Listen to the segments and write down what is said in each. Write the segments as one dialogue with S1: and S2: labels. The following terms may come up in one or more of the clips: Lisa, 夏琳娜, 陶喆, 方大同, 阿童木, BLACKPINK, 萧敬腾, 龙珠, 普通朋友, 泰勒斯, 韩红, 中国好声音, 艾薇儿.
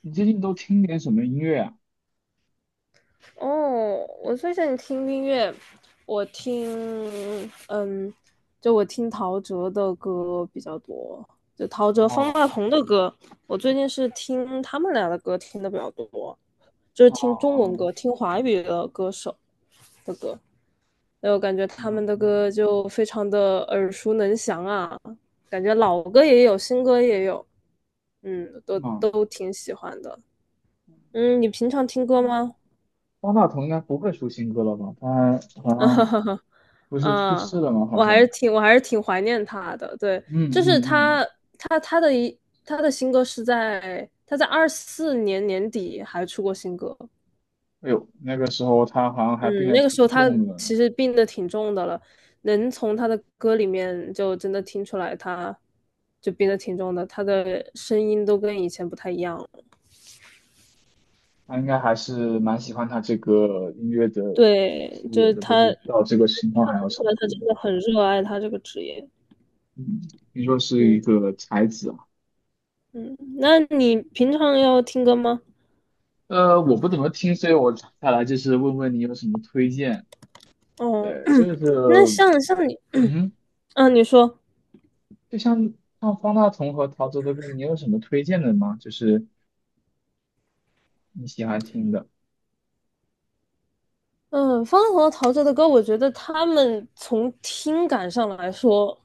S1: 你最近都听点什么音乐啊？
S2: 哦，我最近听音乐，我听，嗯，就我听陶喆的歌比较多，就陶喆、方
S1: 哦
S2: 大同的歌，我最近是听他们俩的歌听的比较多，就是
S1: 哦
S2: 听中文
S1: 哦，
S2: 歌，听华语的歌手的歌，然后感觉
S1: 嗯
S2: 他们的
S1: 嗯，
S2: 歌就非常的耳熟能详啊，感觉老歌也有，新歌也有，都
S1: 嗯
S2: 都挺喜欢的。嗯，你平常听歌
S1: 嗯
S2: 吗？
S1: 方大同应该不会出新歌了吧？他好
S2: 啊，哈
S1: 像
S2: 哈，
S1: 不是去
S2: 啊，
S1: 世了吗？好
S2: 我还是
S1: 像。
S2: 挺我还是挺怀念他的。对，
S1: 嗯
S2: 就是
S1: 嗯嗯。
S2: 他他的一他的新歌是在他在二四年年底还出过新歌。
S1: 哎呦，那个时候他好像还病
S2: 嗯，
S1: 得
S2: 那个时
S1: 挺
S2: 候他
S1: 重的，
S2: 其实病得挺重的了，能从他的歌里面就真的听出来他就病得挺重的，他的声音都跟以前不太一样了。
S1: 他应该还是蛮喜欢他这个音乐的
S2: 对，
S1: 事
S2: 就
S1: 业
S2: 是
S1: 的，就
S2: 他
S1: 是
S2: 看
S1: 到这个情况还要
S2: 得出
S1: 成
S2: 来
S1: 歌。
S2: 他真的很热爱他这个职业。
S1: 嗯，听说是
S2: 嗯
S1: 一个才子啊。
S2: 嗯，那你平常要听歌吗？
S1: 我不怎么听，所以我下来就是问问你有什么推荐。
S2: 哦，
S1: 对，
S2: 嗯
S1: 就
S2: 那
S1: 是，
S2: 像你，
S1: 嗯
S2: 嗯，啊你说，
S1: 就像方大同和陶喆的歌，你有什么推荐的吗？就是你喜欢听的。
S2: 嗯，方大同和陶喆的歌，我觉得他们从听感上来说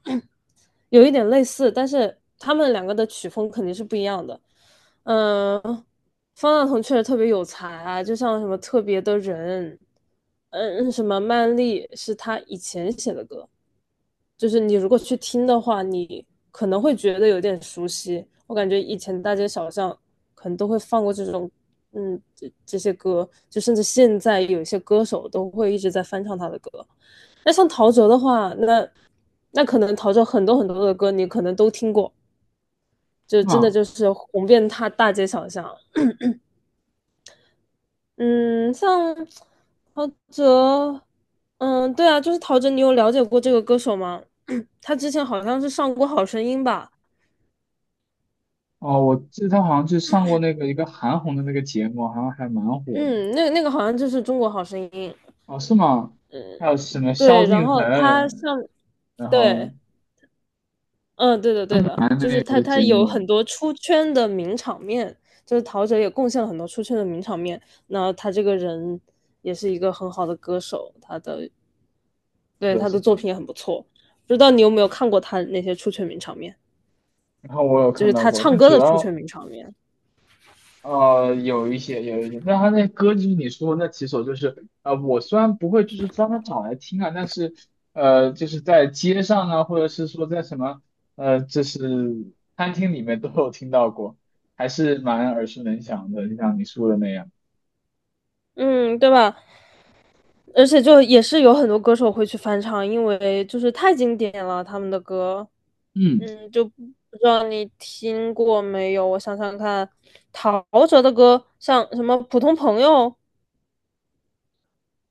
S2: 有一点类似，但是他们两个的曲风肯定是不一样的。嗯，方大同确实特别有才啊，就像什么特别的人，嗯，什么曼丽是他以前写的歌，就是你如果去听的话，你可能会觉得有点熟悉。我感觉以前大街小巷可能都会放过这种，嗯，这些歌，就甚至现在有一些歌手都会一直在翻唱他的歌。那像陶喆的话，那可能陶喆很多的歌你可能都听过，就真的
S1: 啊，
S2: 就是红遍他大街小巷。嗯，像陶喆，嗯，对啊，就是陶喆，你有了解过这个歌手吗？他之前好像是上过《好声音》吧，
S1: 哦，我记得他好像就上过那个一个韩红的那个节目，好像还蛮火的。
S2: 嗯，那个好像就是《中国好声音》，
S1: 哦，是吗？还有什么萧
S2: 对，然
S1: 敬
S2: 后他
S1: 腾，
S2: 上，
S1: 然后
S2: 对，嗯，对的，对的，就
S1: 那
S2: 是他
S1: 个
S2: 他
S1: 节
S2: 有
S1: 目，是
S2: 很多出圈的名场面，就是陶喆也贡献了很多出圈的名场面。那他这个人也是一个很好的歌手，对
S1: 的，
S2: 他
S1: 是
S2: 的作
S1: 的，
S2: 品也很不错。不知道你有没有看过他那些出圈名场面，
S1: 然后我有
S2: 就
S1: 看
S2: 是
S1: 到
S2: 他
S1: 过，
S2: 唱
S1: 但
S2: 歌
S1: 主
S2: 的出圈
S1: 要。
S2: 名场面，
S1: 呃，有一些，有一些，但他那歌就是你说的那几首，就是我虽然不会就是专门找来听啊，但是就是在街上啊，或者是说在什么就是餐厅里面都有听到过，还是蛮耳熟能详的，就像你说的那样。
S2: 嗯，对吧？而且就也是有很多歌手会去翻唱，因为就是太经典了，他们的歌。
S1: 嗯，
S2: 嗯，就不知道你听过没有？我想想看，陶喆的歌，像什么《普通朋友》，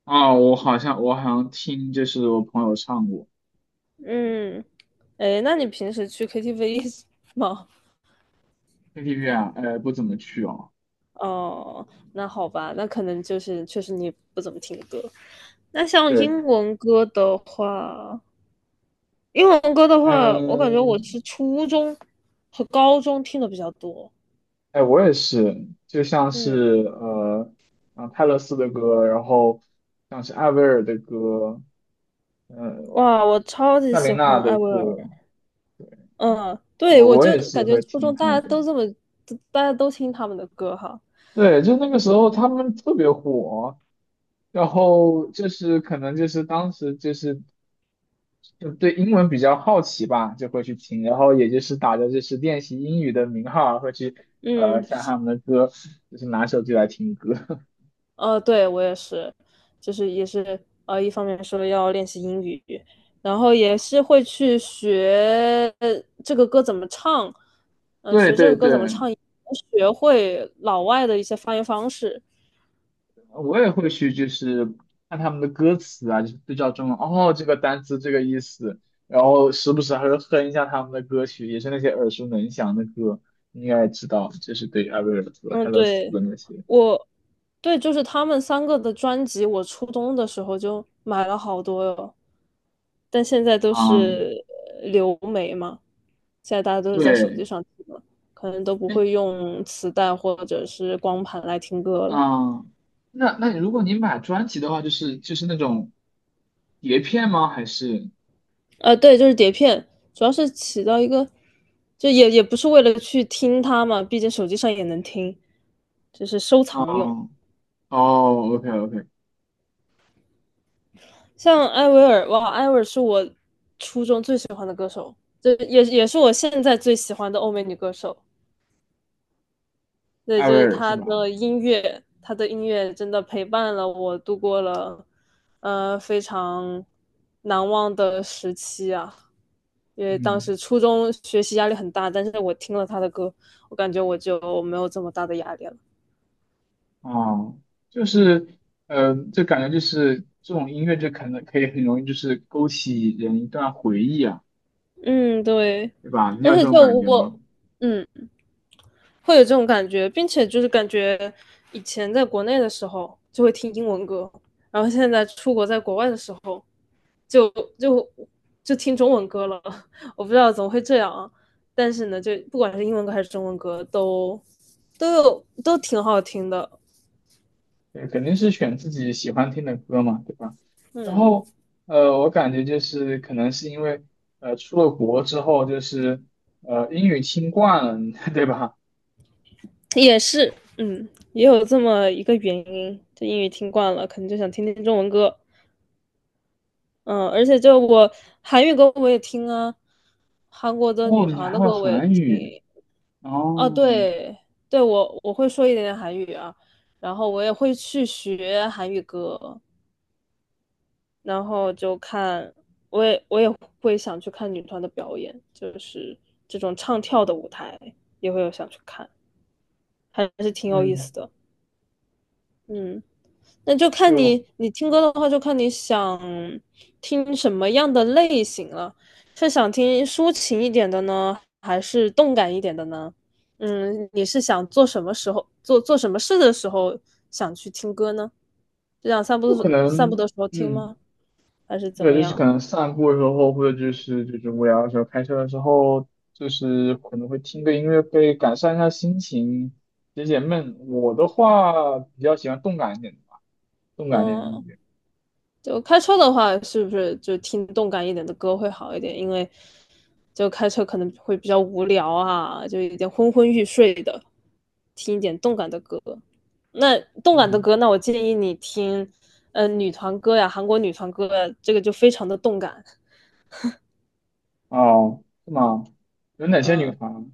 S1: 啊，我好像听就是我朋友唱过，
S2: 嗯，哎，那你平时去 KTV 吗？
S1: KTV 啊，呃，不怎么去哦。
S2: 哦，那好吧，那可能就是确实你不怎么听歌。那像
S1: 对，
S2: 英文歌的话，英文歌的话，我感觉我
S1: 嗯、
S2: 是初中和高中听的比较多。
S1: 哎，我也是，就像
S2: 嗯，
S1: 是呃，啊泰勒斯的歌，然后像是艾薇儿的歌，呃，
S2: 哇，我超级
S1: 夏
S2: 喜
S1: 琳娜
S2: 欢
S1: 的
S2: 艾薇儿。
S1: 歌，
S2: 嗯，对，
S1: 我
S2: 我
S1: 我
S2: 就
S1: 也是
S2: 感觉
S1: 会
S2: 初
S1: 听
S2: 中大
S1: 她的。
S2: 家都这么，大家都听他们的歌哈。
S1: 对，就那个时候他们特别火，然后就是可能就是当时就是就对英文比较好奇吧，就会去听，然后也就是打着就是练习英语的名号儿会去呃
S2: 嗯
S1: 下他们的歌，就是拿手机来听歌。
S2: 对，我也是，就是也是一方面说要练习英语，然后也是会去学这个歌怎么唱，
S1: 对对对，
S2: 学会老外的一些发音方式。
S1: 我也会去，就是看他们的歌词啊，就是对照中文，哦，这个单词这个意思，然后时不时还会哼一下他们的歌曲，也是那些耳熟能详的歌，应该知道，就是对艾薇儿和泰
S2: 嗯，
S1: 勒斯
S2: 对，
S1: 的那些。
S2: 我，对，就是他们三个的专辑，我初中的时候就买了好多哟。但现在都
S1: 嗯，
S2: 是流媒嘛，现在大家都是在手
S1: 对，
S2: 机上听了，可能都不
S1: 哎，
S2: 会用磁带或者是光盘来听歌了。
S1: 嗯，那那如果你买专辑的话，就是就是那种碟片吗？还是
S2: 对，就是碟片，主要是起到一个，就也不是为了去听它嘛，毕竟手机上也能听，就是收藏用。
S1: 嗯，哦，OK OK，
S2: 像艾薇儿，哇，艾薇儿是我初中最喜欢的歌手，这也是我现在最喜欢的欧美女歌手。对，
S1: 艾薇
S2: 就是
S1: 儿是
S2: 他
S1: 吧？
S2: 的音乐，他的音乐真的陪伴了我度过了非常难忘的时期啊。因为当
S1: 嗯。
S2: 时初中学习压力很大，但是我听了他的歌，我感觉我就没有这么大的压力了。
S1: 哦，就是，嗯，就感觉就是这种音乐，就可能可以很容易就是勾起人一段回忆啊，
S2: 嗯，对，
S1: 对吧？你
S2: 而
S1: 有这
S2: 且
S1: 种
S2: 就
S1: 感觉吗？
S2: 我，嗯，会有这种感觉，并且就是感觉以前在国内的时候就会听英文歌，然后现在出国在国外的时候就就就听中文歌了。我不知道怎么会这样啊，但是呢，就不管是英文歌还是中文歌，都挺好听的。
S1: 对，肯定是选自己喜欢听的歌嘛，对吧？然
S2: 嗯，
S1: 后，我感觉就是可能是因为，出了国之后就是，英语听惯了，对吧？
S2: 也是，嗯，也有这么一个原因，就英语听惯了，可能就想听听中文歌。嗯，而且就我韩语歌我也听啊，韩国的女
S1: 哦，你
S2: 团
S1: 还
S2: 的
S1: 会
S2: 歌我也
S1: 韩语，
S2: 听。哦，
S1: 哦，
S2: 对对，我会说一点点韩语啊，然后我也会去学韩语歌。然后就看，我也会想去看女团的表演，就是这种唱跳的舞台也会有想去看，还是挺有意
S1: 嗯，
S2: 思的。嗯，那就看
S1: 就
S2: 你听歌的话，就看你想听什么样的类型了，是想听抒情一点的呢，还是动感一点的呢？嗯，你是想做什么时候做做什么事的时候想去听歌呢？就想散步
S1: 就可
S2: 散步
S1: 能，
S2: 的时候听
S1: 嗯。
S2: 吗？还是怎
S1: 对，
S2: 么
S1: 就是可
S2: 样？
S1: 能散步的时候，或者就是就是无聊的时候，开车的时候，就是可能会听个音乐会，改善一下心情，解解闷。我的话比较喜欢动感一点的吧，动感一点的音
S2: 嗯，
S1: 乐。
S2: 就开车的话，是不是就听动感一点的歌会好一点？因为就开车可能会比较无聊啊，就有点昏昏欲睡的，听一点动感的歌。那动感的
S1: 嗯，
S2: 歌，那我建议你听，嗯，女团歌呀，韩国女团歌呀这个就非常的动感，
S1: 哦，是吗？有哪些女
S2: 嗯、
S1: 团？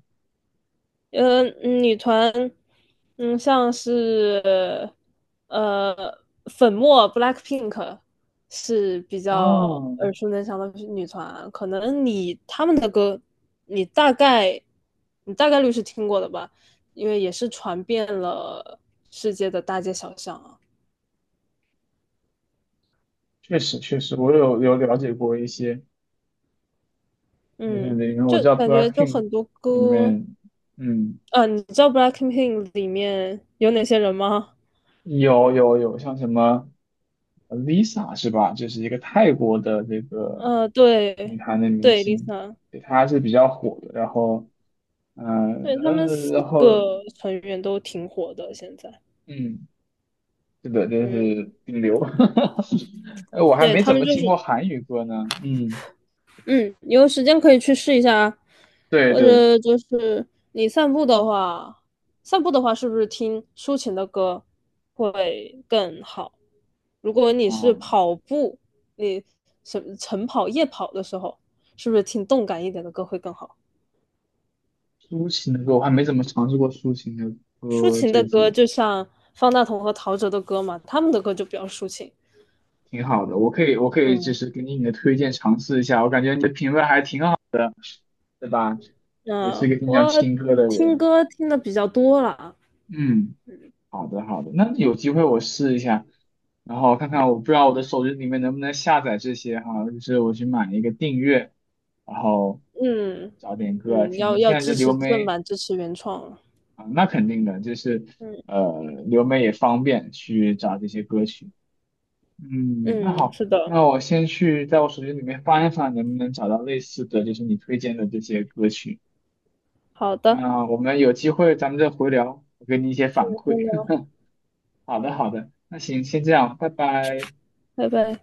S2: 女团，嗯，像是呃粉末 BLACKPINK 是比较
S1: 啊？
S2: 耳熟能详的女团啊，可能你他们的歌，你大概你大概率是听过的吧，因为也是传遍了世界的大街小巷啊。
S1: 确实确实，我有有了解过一些，就是
S2: 嗯，
S1: 里面我
S2: 就
S1: 知道
S2: 感觉就
S1: BLACKPINK
S2: 很多
S1: 里
S2: 歌，
S1: 面，嗯。
S2: 啊，你知道 BLACKPINK 里面有哪些人吗？
S1: 有有有，像什么呃 Lisa 是吧？就是一个泰国的这个女
S2: 对，
S1: 团的明
S2: 对
S1: 星，
S2: ，Lisa。
S1: 对，她是比较火的。然后，嗯
S2: 对，他们
S1: 呃，
S2: 四
S1: 然后
S2: 个成员都挺火的，现在，
S1: 嗯，是的，就
S2: 嗯，
S1: 是顶流。哎，我还
S2: 对，
S1: 没
S2: 他
S1: 怎
S2: 们
S1: 么
S2: 就
S1: 听
S2: 是，
S1: 过韩语歌呢。嗯，
S2: 嗯，你有时间可以去试一下啊，
S1: 对
S2: 或
S1: 对，
S2: 者就是你散步的话，散步的话是不是听抒情的歌会更好？如果你是
S1: 啊，
S2: 跑步，你晨跑、夜跑的时候，是不是听动感一点的歌会更好？
S1: 抒情的歌我还没怎么尝试过抒情的
S2: 抒
S1: 歌，
S2: 情的
S1: 最
S2: 歌
S1: 近
S2: 就像方大同和陶喆的歌嘛，他们的歌就比较抒情，
S1: 挺好的。我可以就
S2: 嗯，
S1: 是给你的推荐尝试一下，我感觉你的品味还挺好。对吧？也是
S2: 嗯，
S1: 个经常
S2: 我
S1: 听歌的
S2: 听
S1: 人。
S2: 歌听的比较多了，
S1: 嗯，好的好的，那有机会我试一下，然后看看我不知道我的手机里面能不能下载这些哈，就是我去买一个订阅，然后
S2: 嗯
S1: 找点歌啊
S2: 嗯，
S1: 听
S2: 要
S1: 听。现
S2: 要
S1: 在这
S2: 支
S1: 流
S2: 持正
S1: 媒
S2: 版，支持原创，
S1: 啊，那肯定的，就是
S2: 嗯
S1: 呃流媒也方便去找这些歌曲。嗯，那
S2: 嗯，
S1: 好，
S2: 是的，
S1: 那我先去在我手机里面翻一翻，能不能找到类似的，就是你推荐的这些歌曲。
S2: 好的，
S1: 那我们有机会咱们再回聊，我给你一些
S2: 再
S1: 反
S2: 见
S1: 馈。
S2: 了
S1: 好的，好的，那行，先这样，拜拜。
S2: 拜拜。